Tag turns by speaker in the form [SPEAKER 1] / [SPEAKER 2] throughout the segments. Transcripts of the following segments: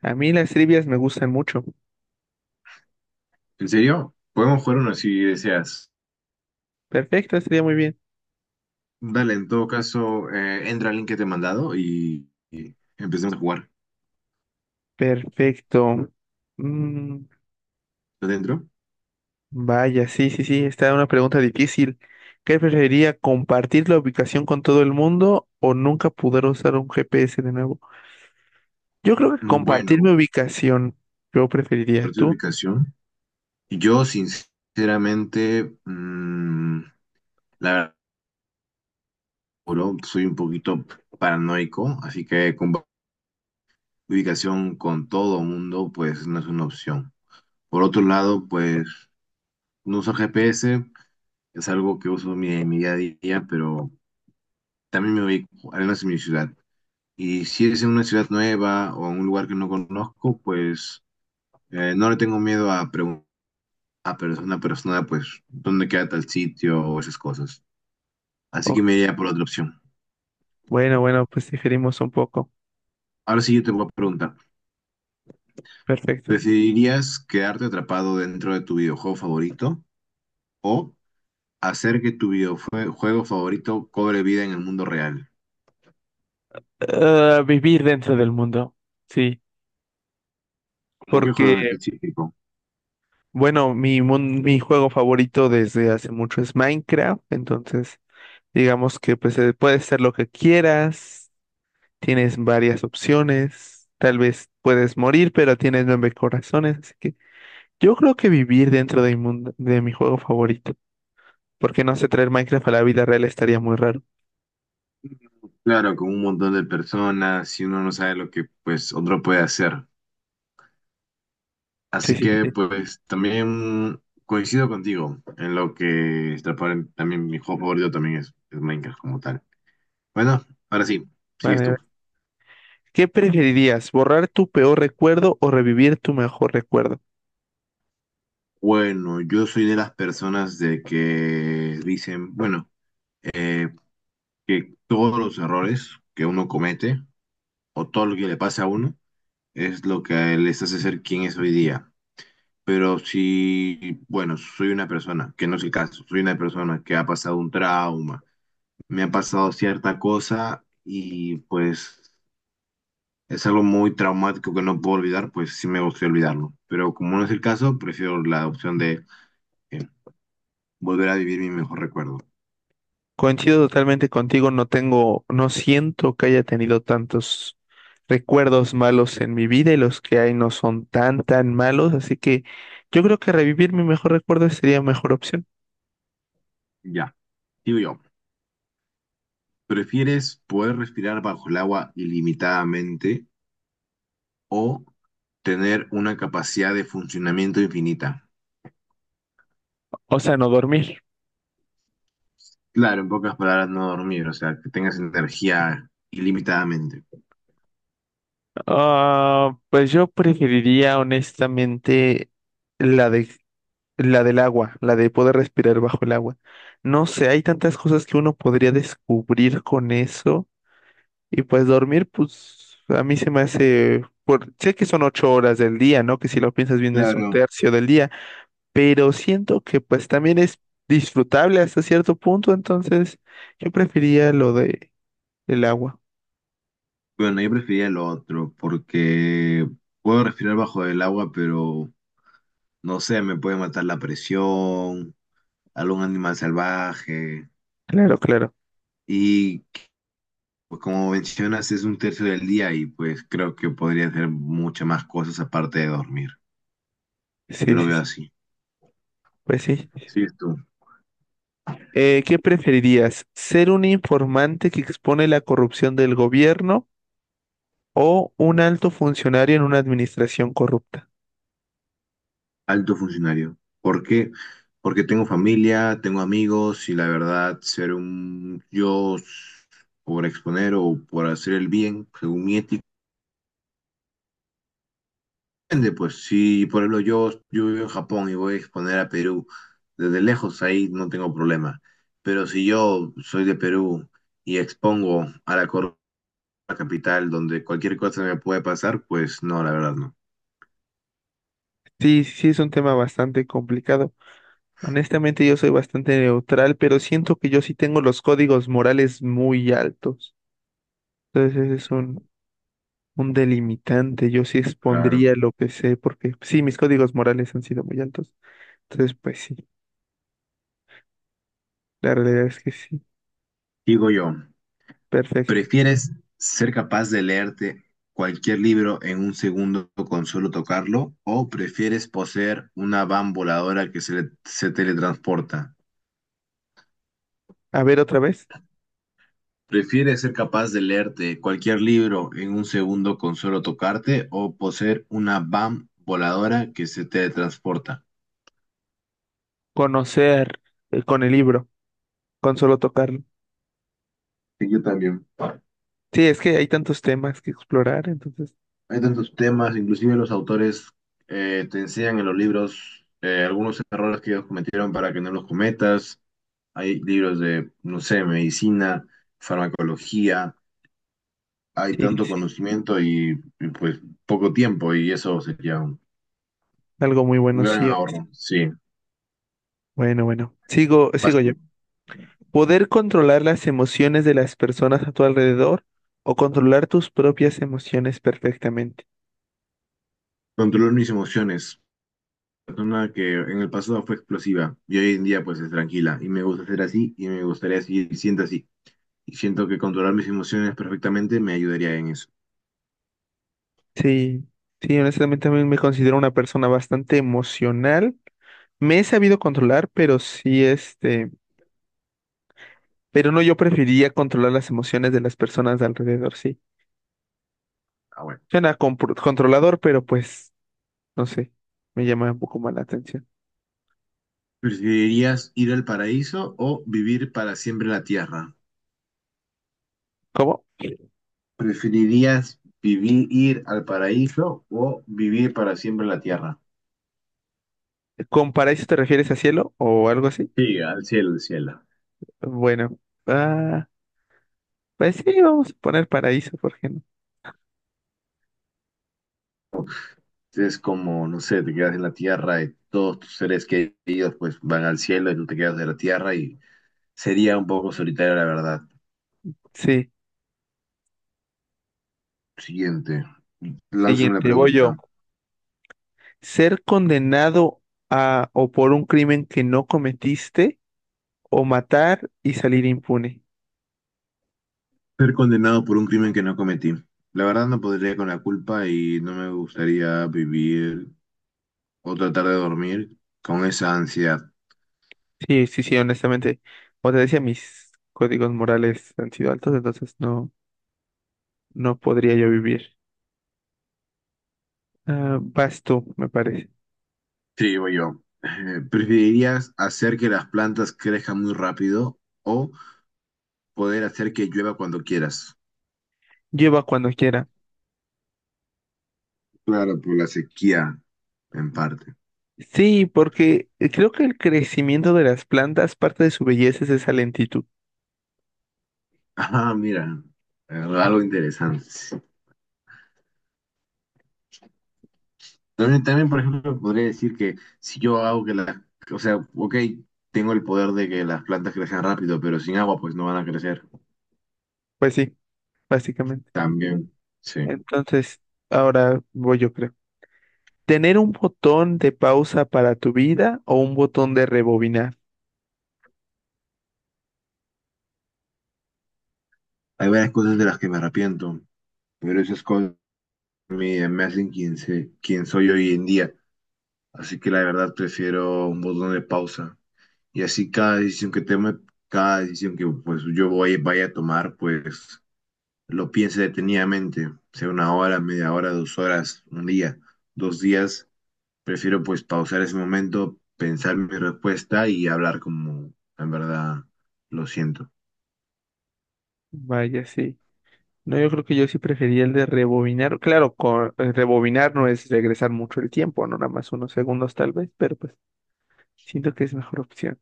[SPEAKER 1] A mí las trivias me gustan mucho.
[SPEAKER 2] ¿En serio? Podemos jugar uno si deseas.
[SPEAKER 1] Perfecto, estaría muy bien.
[SPEAKER 2] Dale, en todo caso, entra al link que te he mandado y empecemos a jugar.
[SPEAKER 1] Perfecto. Mm,
[SPEAKER 2] ¿Está dentro?
[SPEAKER 1] Vaya, sí, sí, sí, está una pregunta difícil. ¿Qué preferiría, compartir la ubicación con todo el mundo o nunca poder usar un GPS de nuevo? Yo creo que
[SPEAKER 2] Mm,
[SPEAKER 1] compartir mi
[SPEAKER 2] bueno,
[SPEAKER 1] ubicación, yo preferiría.
[SPEAKER 2] por tu
[SPEAKER 1] ¿Tú?
[SPEAKER 2] ubicación. Yo, sinceramente, la verdad, juro, soy un poquito paranoico, así que con ubicación con todo mundo, pues no es una opción. Por otro lado, pues no uso GPS, es algo que uso en mi día a día, pero también me ubico, al menos en mi ciudad. Y si es en una ciudad nueva o en un lugar que no conozco, pues no le tengo miedo a preguntar a persona, pues, dónde queda tal sitio o esas cosas. Así
[SPEAKER 1] Oh,
[SPEAKER 2] que me iría por la otra opción.
[SPEAKER 1] bueno, bueno, pues diferimos un poco.
[SPEAKER 2] Ahora sí yo te voy a preguntar,
[SPEAKER 1] Perfecto.
[SPEAKER 2] ¿preferirías quedarte atrapado dentro de tu videojuego favorito o hacer que tu videojuego favorito cobre vida en el mundo real?
[SPEAKER 1] Ah, vivir dentro del mundo, sí,
[SPEAKER 2] ¿Cómo qué juego
[SPEAKER 1] porque,
[SPEAKER 2] en específico?
[SPEAKER 1] bueno, mi juego favorito desde hace mucho es Minecraft, entonces... Digamos que pues puedes ser lo que quieras, tienes varias opciones, tal vez puedes morir, pero tienes nueve corazones, así que yo creo que vivir dentro de mi mundo, de mi juego favorito, porque no sé, traer Minecraft a la vida real estaría muy raro.
[SPEAKER 2] Claro, con un montón de personas, si uno no sabe lo que pues otro puede hacer.
[SPEAKER 1] Sí,
[SPEAKER 2] Así
[SPEAKER 1] sí,
[SPEAKER 2] que
[SPEAKER 1] sí.
[SPEAKER 2] pues también coincido contigo en lo que está también mi juego favorito también es Minecraft como tal. Bueno, ahora sí, sigues
[SPEAKER 1] Vale,
[SPEAKER 2] tú.
[SPEAKER 1] ¿qué preferirías, borrar tu peor recuerdo o revivir tu mejor recuerdo?
[SPEAKER 2] Bueno, yo soy de las personas de que dicen, bueno, eh, que todos los errores que uno comete o todo lo que le pasa a uno es lo que les hace ser quien es hoy día. Pero si, bueno, soy una persona, que no es el caso, soy una persona que ha pasado un trauma me ha pasado cierta cosa y pues es algo muy traumático que no puedo olvidar, pues sí me gustaría olvidarlo. Pero como no es el caso, prefiero la opción de eh, volver a vivir mi mejor recuerdo.
[SPEAKER 1] Coincido totalmente contigo, no tengo, no siento que haya tenido tantos recuerdos malos en mi vida y los que hay no son tan, tan malos, así que yo creo que revivir mi mejor recuerdo sería mejor opción.
[SPEAKER 2] Ya, digo yo, ¿prefieres poder respirar bajo el agua ilimitadamente o tener una capacidad de funcionamiento infinita?
[SPEAKER 1] O sea, no dormir.
[SPEAKER 2] Claro, en pocas palabras, no dormir, o sea, que tengas energía ilimitadamente.
[SPEAKER 1] Ah, pues yo preferiría honestamente la de, la del agua, la de poder respirar bajo el agua. No sé, hay tantas cosas que uno podría descubrir con eso. Y pues dormir, pues a mí se me hace, por, sé que son ocho horas del día, ¿no? Que si lo piensas bien es un
[SPEAKER 2] Claro.
[SPEAKER 1] tercio del día, pero siento que pues también es disfrutable hasta cierto punto, entonces yo prefería lo de el agua.
[SPEAKER 2] Bueno, yo prefería lo otro porque puedo respirar bajo el agua, pero no sé, me puede matar la presión, algún animal salvaje.
[SPEAKER 1] Claro, claro.
[SPEAKER 2] Y pues, como mencionas, es un tercio del día y pues creo que podría hacer muchas más cosas aparte de dormir.
[SPEAKER 1] Sí,
[SPEAKER 2] Yo
[SPEAKER 1] sí,
[SPEAKER 2] lo veo
[SPEAKER 1] sí.
[SPEAKER 2] así.
[SPEAKER 1] Pues sí.
[SPEAKER 2] Sí, tú,
[SPEAKER 1] ¿Qué preferirías? ¿Ser un informante que expone la corrupción del gobierno o un alto funcionario en una administración corrupta?
[SPEAKER 2] alto funcionario. ¿Por qué? Porque tengo familia, tengo amigos y la verdad, ser un por exponer o por hacer el bien, según mi ética, depende, pues si por ejemplo yo vivo en Japón y voy a exponer a Perú desde lejos, ahí no tengo problema. Pero si yo soy de Perú y expongo a la Corona Capital donde cualquier cosa me puede pasar, pues no, la verdad no.
[SPEAKER 1] Sí, sí, sí, es un tema bastante complicado. Honestamente, yo soy bastante neutral, pero siento que yo sí tengo los códigos morales muy altos. Entonces, ese es un delimitante. Yo sí
[SPEAKER 2] Claro.
[SPEAKER 1] expondría lo que sé, porque sí, mis códigos morales han sido muy altos. Entonces, pues sí, la realidad es que sí.
[SPEAKER 2] Digo yo,
[SPEAKER 1] Perfecto.
[SPEAKER 2] ¿prefieres ser capaz de leerte cualquier libro en un segundo con solo tocarlo o prefieres poseer una van voladora que se teletransporta?
[SPEAKER 1] A ver, otra vez.
[SPEAKER 2] ¿Prefieres ser capaz de leerte cualquier libro en un segundo con solo tocarte o poseer una BAM voladora que se te transporta?
[SPEAKER 1] Conocer con el libro, con solo tocarlo.
[SPEAKER 2] Sí, yo también.
[SPEAKER 1] Sí, es que hay tantos temas que explorar, entonces,
[SPEAKER 2] Hay tantos temas, inclusive los autores te enseñan en los libros algunos errores que ellos cometieron para que no los cometas. Hay libros de, no sé, medicina, farmacología. Hay
[SPEAKER 1] sí, sí,
[SPEAKER 2] tanto
[SPEAKER 1] sí,
[SPEAKER 2] conocimiento pues poco tiempo y eso sería
[SPEAKER 1] algo muy
[SPEAKER 2] un
[SPEAKER 1] bueno,
[SPEAKER 2] gran
[SPEAKER 1] sí.
[SPEAKER 2] ahorro. Sí,
[SPEAKER 1] Bueno, bueno. Sigo,
[SPEAKER 2] vas
[SPEAKER 1] sigo yo.
[SPEAKER 2] tú.
[SPEAKER 1] Poder controlar las emociones de las personas a tu alrededor o controlar tus propias emociones perfectamente.
[SPEAKER 2] Controlar mis emociones. Persona que en el pasado fue explosiva y hoy en día pues es tranquila y me gusta ser así y me gustaría seguir siendo así. Y siento que controlar mis emociones perfectamente me ayudaría en eso.
[SPEAKER 1] Sí, sí, honestamente también me considero una persona bastante emocional. Me he sabido controlar, pero sí, este, pero no, yo preferiría controlar las emociones de las personas de alrededor, sí.
[SPEAKER 2] Ah, bueno.
[SPEAKER 1] Controlador, pero pues, no sé, me llama un poco más la atención.
[SPEAKER 2] ¿Preferirías ir al paraíso o vivir para siempre en la tierra?
[SPEAKER 1] ¿Cómo?
[SPEAKER 2] ¿Preferirías vivir ir al paraíso o vivir para siempre en la tierra?
[SPEAKER 1] ¿Con paraíso te refieres a cielo o algo así?
[SPEAKER 2] Sí, al cielo, al cielo.
[SPEAKER 1] Bueno, ah, pues sí, vamos a poner paraíso, ¿por qué no?
[SPEAKER 2] Es como, no sé, te quedas en la tierra y todos tus seres queridos pues van al cielo y tú te quedas de la tierra y sería un poco solitario, la verdad.
[SPEAKER 1] Sí.
[SPEAKER 2] Siguiente. Lánzame la
[SPEAKER 1] Siguiente, voy yo.
[SPEAKER 2] pregunta.
[SPEAKER 1] Ser condenado a o por un crimen que no cometiste o matar y salir impune.
[SPEAKER 2] Ser condenado por un crimen que no cometí. La verdad no podría con la culpa y no me gustaría vivir o tratar de dormir con esa ansiedad.
[SPEAKER 1] Sí, sí, sí, honestamente. Como te decía, mis códigos morales han sido altos, entonces no, no podría yo vivir. Ah, vas tú, me parece.
[SPEAKER 2] Sí, voy yo. ¿Preferirías hacer que las plantas crezcan muy rápido o poder hacer que llueva cuando quieras?
[SPEAKER 1] Lleva cuando quiera.
[SPEAKER 2] Claro, por la sequía, en parte.
[SPEAKER 1] Sí, porque creo que el crecimiento de las plantas, parte de su belleza es esa lentitud.
[SPEAKER 2] Ah, mira, algo interesante. También, también, por ejemplo, podría decir que si yo hago que las, o sea, ok, tengo el poder de que las plantas crezcan rápido, pero sin agua pues no van a crecer.
[SPEAKER 1] Pues sí, básicamente.
[SPEAKER 2] También, sí.
[SPEAKER 1] Entonces, ahora voy yo, creo. Tener un botón de pausa para tu vida o un botón de rebobinar.
[SPEAKER 2] Hay varias cosas de las que me arrepiento, pero esas cosas me hacen quien soy hoy en día. Así que la verdad prefiero un botón de pausa. Y así cada decisión que tome, cada decisión que pues vaya a tomar, pues lo piense detenidamente, sea una hora, media hora, 2 horas, un día, 2 días. Prefiero pues pausar ese momento, pensar mi respuesta y hablar como en verdad lo siento.
[SPEAKER 1] Vaya, sí. No, yo creo que yo sí prefería el de rebobinar. Rebobinar no es regresar mucho el tiempo, no nada más unos segundos tal vez, pero pues siento que es mejor opción.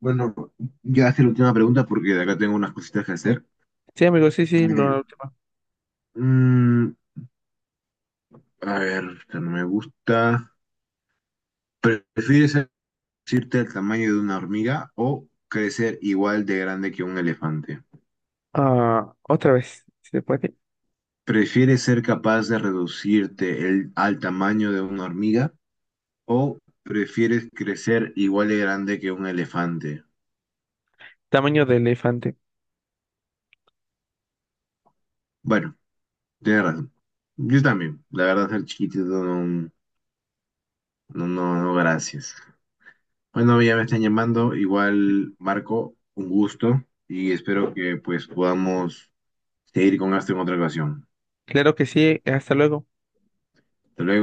[SPEAKER 2] Bueno, ya hace la última pregunta porque de acá tengo unas cositas que hacer.
[SPEAKER 1] Sí, amigo, sí, sí.
[SPEAKER 2] Eh, mm, a ver, esta no me gusta. ¿Prefieres reducirte al tamaño de una hormiga o crecer igual de grande que un elefante?
[SPEAKER 1] Otra vez, si se puede.
[SPEAKER 2] ¿Prefieres ser capaz de reducirte al tamaño de una hormiga o prefieres crecer igual de grande que un elefante?
[SPEAKER 1] Tamaño de elefante.
[SPEAKER 2] Bueno. Tienes razón. Yo también. La verdad, el chiquitito no, no, no, no, gracias. Bueno, ya me están llamando. Igual, Marco, un gusto y espero que pues podamos seguir con esto en otra ocasión.
[SPEAKER 1] Claro que sí, hasta luego.
[SPEAKER 2] Hasta luego.